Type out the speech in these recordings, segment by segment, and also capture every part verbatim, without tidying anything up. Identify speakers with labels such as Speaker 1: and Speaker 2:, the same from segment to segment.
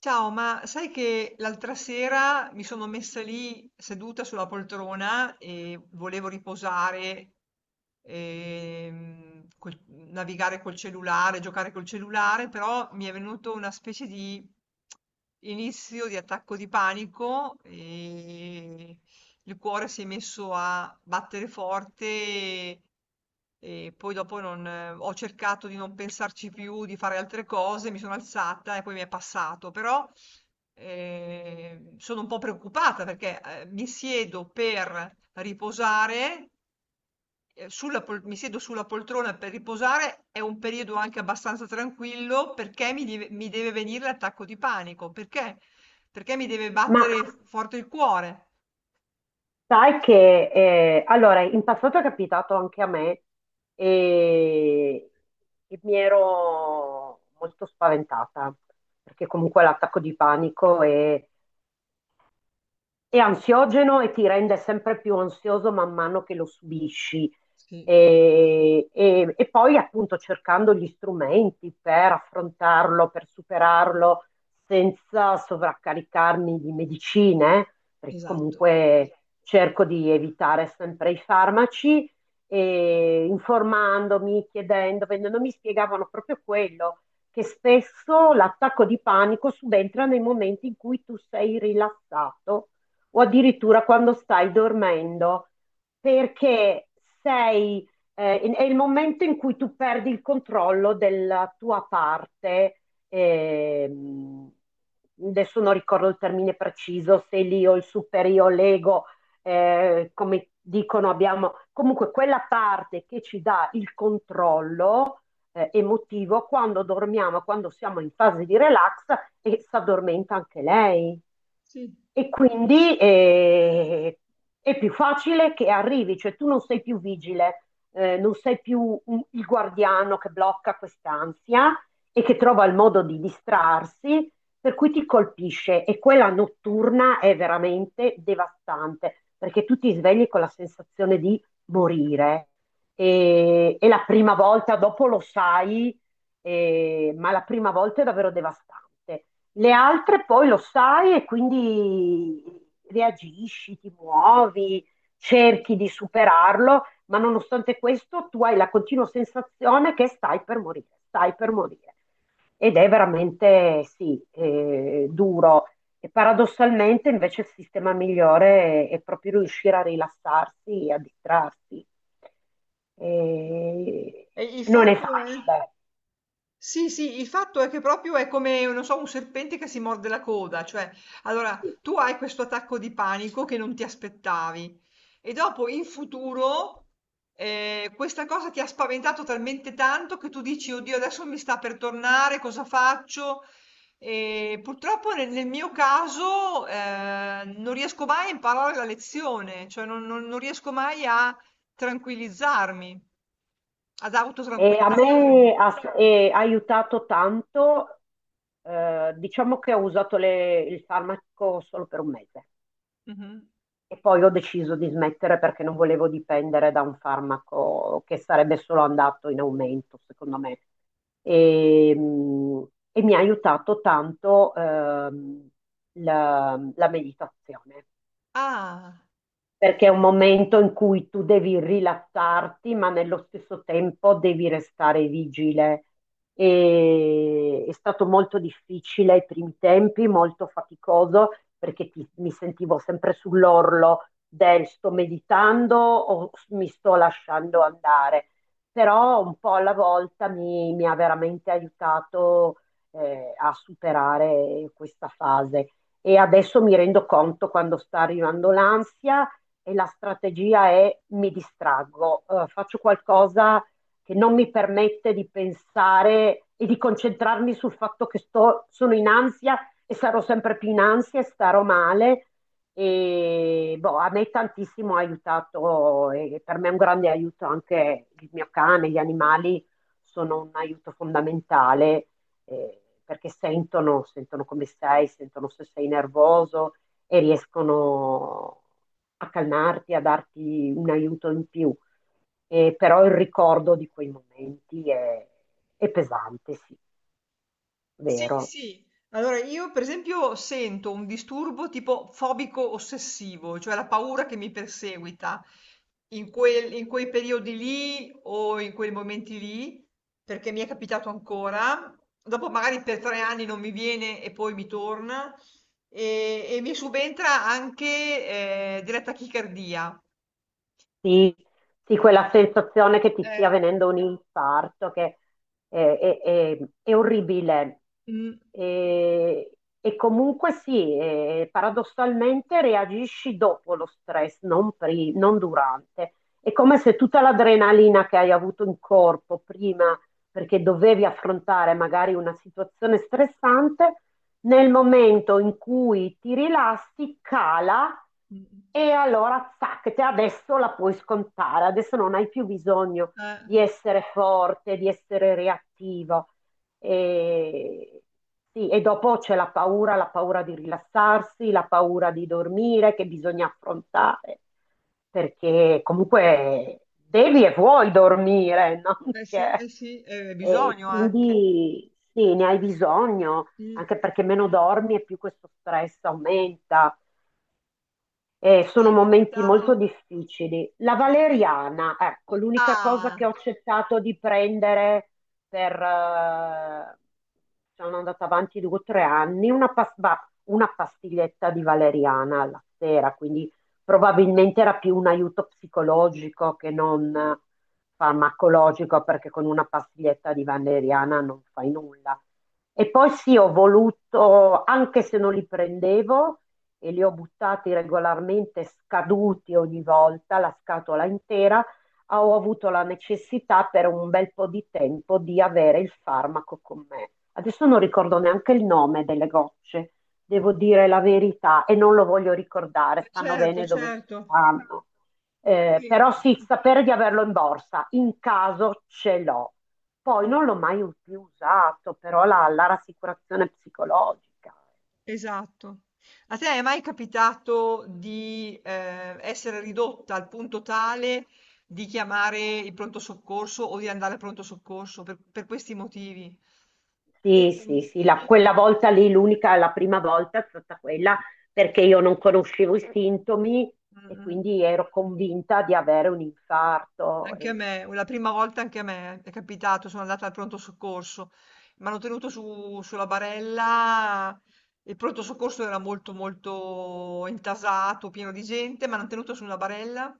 Speaker 1: Ciao, ma sai che l'altra sera mi sono messa lì seduta sulla poltrona e volevo riposare, ehm, col- navigare col cellulare, giocare col cellulare, però mi è venuto una specie di inizio di attacco di panico e il cuore si è messo a battere forte e, e poi dopo non, ho cercato di non pensarci più, di fare altre cose, mi sono alzata e poi mi è passato, però eh, sono un po' preoccupata perché eh, mi siedo per riposare, eh, sulla pol- mi siedo sulla poltrona per riposare, è un periodo anche abbastanza tranquillo perché mi deve, mi deve venire l'attacco di panico, perché? Perché mi deve
Speaker 2: Ma
Speaker 1: battere forte il cuore.
Speaker 2: sai che, eh, allora, in passato è capitato anche a me e, e mi ero molto spaventata, perché comunque l'attacco di panico è, è ansiogeno e ti rende sempre più ansioso man mano che lo subisci.
Speaker 1: Sì.
Speaker 2: E, e- e poi appunto cercando gli strumenti per affrontarlo, per superarlo senza sovraccaricarmi di medicine, perché
Speaker 1: Esatto.
Speaker 2: comunque cerco di evitare sempre i farmaci, e informandomi, chiedendo, vendendo, mi spiegavano proprio quello, che spesso l'attacco di panico subentra nei momenti in cui tu sei rilassato o addirittura quando stai dormendo, perché sei, eh, in- è il momento in cui tu perdi il controllo della tua parte. ehm, Adesso non ricordo il termine preciso, se l'io, il superio, l'ego, eh, come dicono, abbiamo comunque quella parte che ci dà il controllo eh, emotivo quando dormiamo, quando siamo in fase di relax e si addormenta anche lei.
Speaker 1: Sì.
Speaker 2: E quindi eh, è più facile che arrivi, cioè tu non sei più vigile, eh, non sei più un- il guardiano che blocca quest'ansia e che trova il modo di distrarsi, per cui ti colpisce. E quella notturna è veramente devastante, perché tu ti svegli con la sensazione di morire. E, e la prima volta, dopo lo sai, eh, ma la prima volta è davvero devastante. Le altre poi lo sai e quindi reagisci, ti muovi, cerchi di superarlo, ma nonostante questo tu hai la continua sensazione che stai per morire, stai per morire. Ed è veramente, sì, eh, duro. E paradossalmente invece il sistema migliore è, è proprio riuscire a rilassarsi e a distrarsi. E
Speaker 1: E il
Speaker 2: non è
Speaker 1: fatto è...
Speaker 2: facile.
Speaker 1: Sì, sì, il fatto è che proprio è come, non so, un serpente che si morde la coda, cioè, allora tu hai questo attacco di panico che non ti aspettavi e dopo in futuro eh, questa cosa ti ha spaventato talmente tanto che tu dici, oddio, adesso mi sta per tornare, cosa faccio? E purtroppo nel, nel mio caso eh, non riesco mai a imparare la lezione, cioè non, non non riesco mai a tranquillizzarmi, ad
Speaker 2: E a me
Speaker 1: autotranquillizzarmi.
Speaker 2: ha, e ha aiutato tanto, eh, diciamo che ho usato le- il farmaco solo per un mese
Speaker 1: Mhm.
Speaker 2: e poi ho deciso di smettere perché non volevo dipendere da un farmaco che sarebbe solo andato in aumento, secondo me. E, mh, e mi ha aiutato tanto, ehm, la la meditazione.
Speaker 1: Ah,
Speaker 2: Perché è un momento in cui tu devi rilassarti, ma nello stesso tempo devi restare vigile. E è stato molto difficile ai primi tempi, molto faticoso, perché ti- mi sentivo sempre sull'orlo del sto meditando o mi sto lasciando andare. Però un po' alla volta mi, mi ha veramente aiutato, eh, a superare questa fase. E adesso mi rendo conto quando sta arrivando l'ansia e la strategia è mi distraggo, eh, faccio qualcosa che non mi permette di pensare e di concentrarmi sul fatto che sto, sono in ansia e sarò sempre più in ansia e starò male. E boh, a me tantissimo ha aiutato e per me è un grande aiuto anche il mio cane, gli animali sono un aiuto fondamentale eh, perché sentono, sentono come sei, sentono se sei nervoso, e riescono a calmarti, a darti un aiuto in più. Eh, però il ricordo di quei momenti è, è pesante, sì,
Speaker 1: sì,
Speaker 2: vero.
Speaker 1: sì. Allora io per esempio sento un disturbo tipo fobico ossessivo, cioè la paura che mi perseguita in quel- in quei periodi lì o in quei momenti lì, perché mi è capitato ancora. Dopo magari per tre anni non mi viene e poi mi torna e, e mi subentra anche eh, della tachicardia.
Speaker 2: Sì, sì, quella sensazione che ti stia
Speaker 1: Eh.
Speaker 2: venendo un infarto, che è, è- è- è orribile.
Speaker 1: Mm,
Speaker 2: E, e comunque sì, eh, paradossalmente reagisci dopo lo stress, non, pri- non durante. È come se tutta l'adrenalina che hai avuto in corpo prima, perché dovevi affrontare magari una situazione stressante, nel momento in cui ti rilassi, cala
Speaker 1: mm.
Speaker 2: e allora zac, te adesso la puoi scontare, adesso non hai più bisogno
Speaker 1: Eh,
Speaker 2: di essere forte, di essere reattivo. E, sì, e dopo c'è la paura, la paura di rilassarsi, la paura di dormire che bisogna affrontare, perché comunque devi e vuoi dormire, non
Speaker 1: eh sì,
Speaker 2: che...
Speaker 1: eh sì, eh,
Speaker 2: E
Speaker 1: bisogno anche.
Speaker 2: quindi sì, ne hai bisogno anche perché meno dormi e più questo stress aumenta.
Speaker 1: Ti
Speaker 2: Eh,
Speaker 1: è
Speaker 2: sono
Speaker 1: mai
Speaker 2: momenti molto
Speaker 1: capitato
Speaker 2: difficili. La
Speaker 1: di...
Speaker 2: valeriana, ecco, l'unica cosa che
Speaker 1: ah,
Speaker 2: ho accettato di prendere per... eh, sono andata avanti due o tre anni, una, pas- va- una pastiglietta di valeriana alla sera, quindi probabilmente era più un aiuto psicologico che non farmacologico, perché con una pastiglietta di valeriana non fai nulla. E poi sì, ho voluto, anche se non li prendevo, e li ho buttati regolarmente scaduti ogni volta, la scatola intera, ah, ho avuto la necessità per un bel po' di tempo di avere il farmaco con me. Adesso non ricordo neanche il nome delle gocce, devo dire la verità e non lo voglio ricordare,
Speaker 1: ma
Speaker 2: stanno
Speaker 1: certo,
Speaker 2: bene dove
Speaker 1: certo.
Speaker 2: stanno. Eh,
Speaker 1: Sì,
Speaker 2: però sì, sapere di averlo in borsa, in caso ce l'ho. Poi
Speaker 1: mh,
Speaker 2: non l'ho mai più usato, però la, la rassicurazione psicologica.
Speaker 1: esatto. A te è mai capitato di eh, essere ridotta al punto tale di chiamare il pronto soccorso o di andare al pronto soccorso per, per questi motivi?
Speaker 2: Sì,
Speaker 1: Mm,
Speaker 2: sì, sì, la- quella volta lì, l'unica, la prima volta è stata quella perché io non conoscevo i sintomi
Speaker 1: mm,
Speaker 2: e
Speaker 1: mm.
Speaker 2: quindi ero convinta di avere un infarto.
Speaker 1: Anche a
Speaker 2: E-
Speaker 1: me, la prima volta anche a me è capitato, sono andata al pronto soccorso, mi hanno tenuto su- sulla barella, il pronto soccorso era molto molto intasato, pieno di gente, mi hanno tenuto su una barella,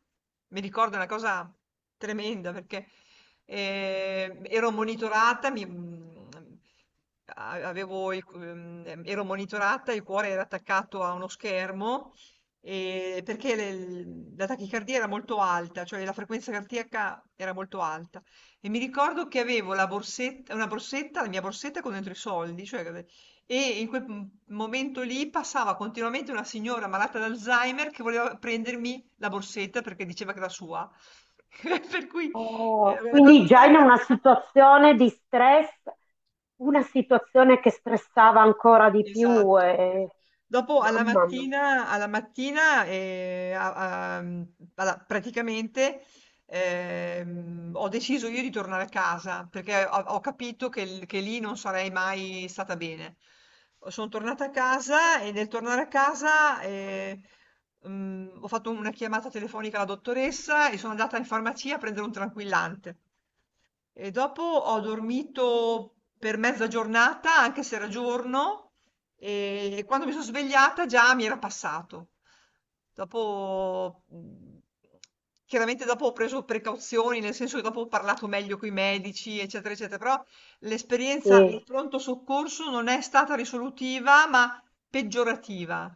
Speaker 1: mi ricordo una cosa tremenda perché eh, ero monitorata, mi- mm, a- avevo il- ehm, ero monitorata, il cuore era attaccato a uno schermo e- perché le- la tachicardia era molto alta, cioè la frequenza cardiaca era molto alta. E mi ricordo che avevo la borsetta, una borsetta, la mia borsetta con dentro i soldi, cioè, e in quel m- momento lì passava continuamente una signora malata d'Alzheimer che voleva prendermi la borsetta perché diceva che era sua. Per cui eh,
Speaker 2: Oh,
Speaker 1: una cosa
Speaker 2: quindi già in
Speaker 1: lì,
Speaker 2: una situazione di stress, una situazione che stressava ancora di più.
Speaker 1: esatto.
Speaker 2: E-
Speaker 1: Dopo alla
Speaker 2: Mamma mia.
Speaker 1: mattina alla mattina, ehm, a a mhmm, alla praticamente, ehm, ho deciso io di tornare a casa, perché ho ho capito che l che lì non sarei mai stata bene. Son tornata a casa e nel tornare a casa, ehm, mhmm, ho fatto una chiamata telefonica alla dottoressa e sono andata in farmacia a prendere un tranquillante. E dopo ho dormito per mezza giornata, anche se era giorno, e quando mi sono svegliata già mi era passato. Dopo, mh, chiaramente dopo ho preso precauzioni, nel senso che dopo ho parlato meglio con i medici, eccetera, eccetera, però l'esperienza del
Speaker 2: Sì.
Speaker 1: pronto soccorso non è stata risolutiva, ma peggiorativa.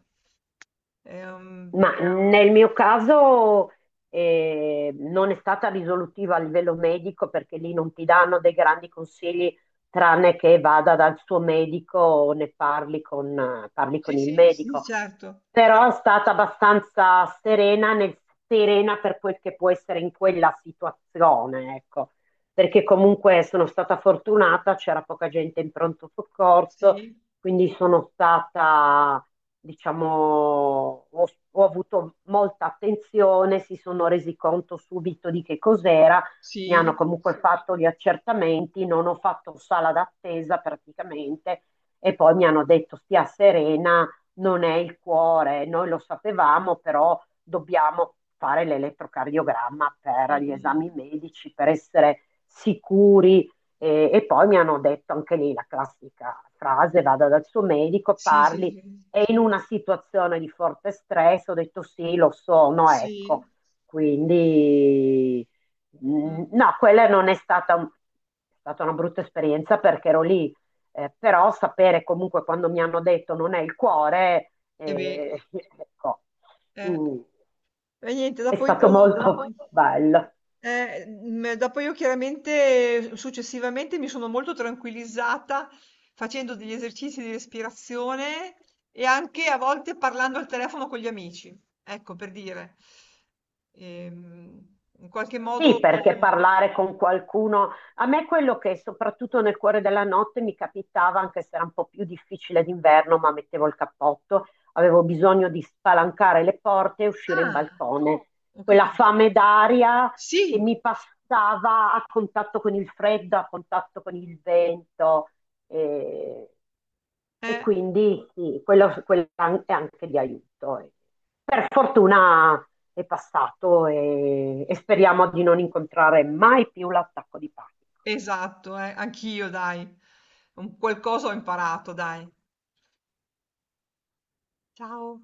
Speaker 1: Ehm,
Speaker 2: Ma nel mio caso eh, non è stata risolutiva a livello medico perché lì non ti danno dei grandi consigli tranne che vada dal suo medico o ne parli con, eh, parli con
Speaker 1: sì,
Speaker 2: il
Speaker 1: sì, sì,
Speaker 2: medico.
Speaker 1: certo.
Speaker 2: Però è stata abbastanza serena, nel- serena per quel che può essere in quella situazione, ecco. Perché comunque sono stata fortunata, c'era poca gente in pronto soccorso
Speaker 1: Sì,
Speaker 2: quindi sono stata, diciamo, ho, ho avuto molta attenzione, si sono resi conto subito di che cos'era, mi hanno
Speaker 1: sì.
Speaker 2: comunque fatto gli accertamenti, non ho fatto sala d'attesa praticamente e poi mi hanno detto stia serena, non è il cuore, noi lo sapevamo, però dobbiamo fare l'elettrocardiogramma per
Speaker 1: Mm,
Speaker 2: gli esami
Speaker 1: mm.
Speaker 2: medici, per essere sicuri e, e poi mi hanno detto anche lì la classica frase, vada dal suo medico,
Speaker 1: Sì, sì,
Speaker 2: parli,
Speaker 1: sì.
Speaker 2: è in una situazione di forte stress, ho detto sì, lo sono,
Speaker 1: Sì.
Speaker 2: ecco. Quindi mh,
Speaker 1: Mm.
Speaker 2: no, quella non è stata, un- è stata una brutta esperienza perché ero lì, eh, però sapere comunque quando mi hanno detto non è il cuore,
Speaker 1: E beh,
Speaker 2: eh, ecco,
Speaker 1: eh.
Speaker 2: mm,
Speaker 1: E niente,
Speaker 2: è
Speaker 1: dopo io...
Speaker 2: stato
Speaker 1: mm,
Speaker 2: molto bello.
Speaker 1: eh, mm, eh, dopo io chiaramente eh, successivamente mi sono molto tranquillizzata facendo degli esercizi di respirazione e anche a volte parlando al telefono con gli amici, ecco per dire. Ehm, in qualche
Speaker 2: Sì,
Speaker 1: modo...
Speaker 2: perché parlare con qualcuno, a me quello che soprattutto nel cuore della notte mi capitava, anche se era un po' più difficile d'inverno, ma mettevo il cappotto, avevo bisogno di spalancare le porte e uscire in
Speaker 1: Ah,
Speaker 2: balcone.
Speaker 1: ho
Speaker 2: Quella
Speaker 1: capito.
Speaker 2: fame d'aria che
Speaker 1: Sì,
Speaker 2: mi passava a contatto con il freddo, a contatto con il vento. E, e
Speaker 1: eh,
Speaker 2: quindi sì, quello, quello è anche di aiuto. Eh, per fortuna è passato e, e speriamo di non incontrare mai più l'attacco di panico.
Speaker 1: esatto, eh, anch'io, dai. Un qualcosa ho imparato, dai. Ciao.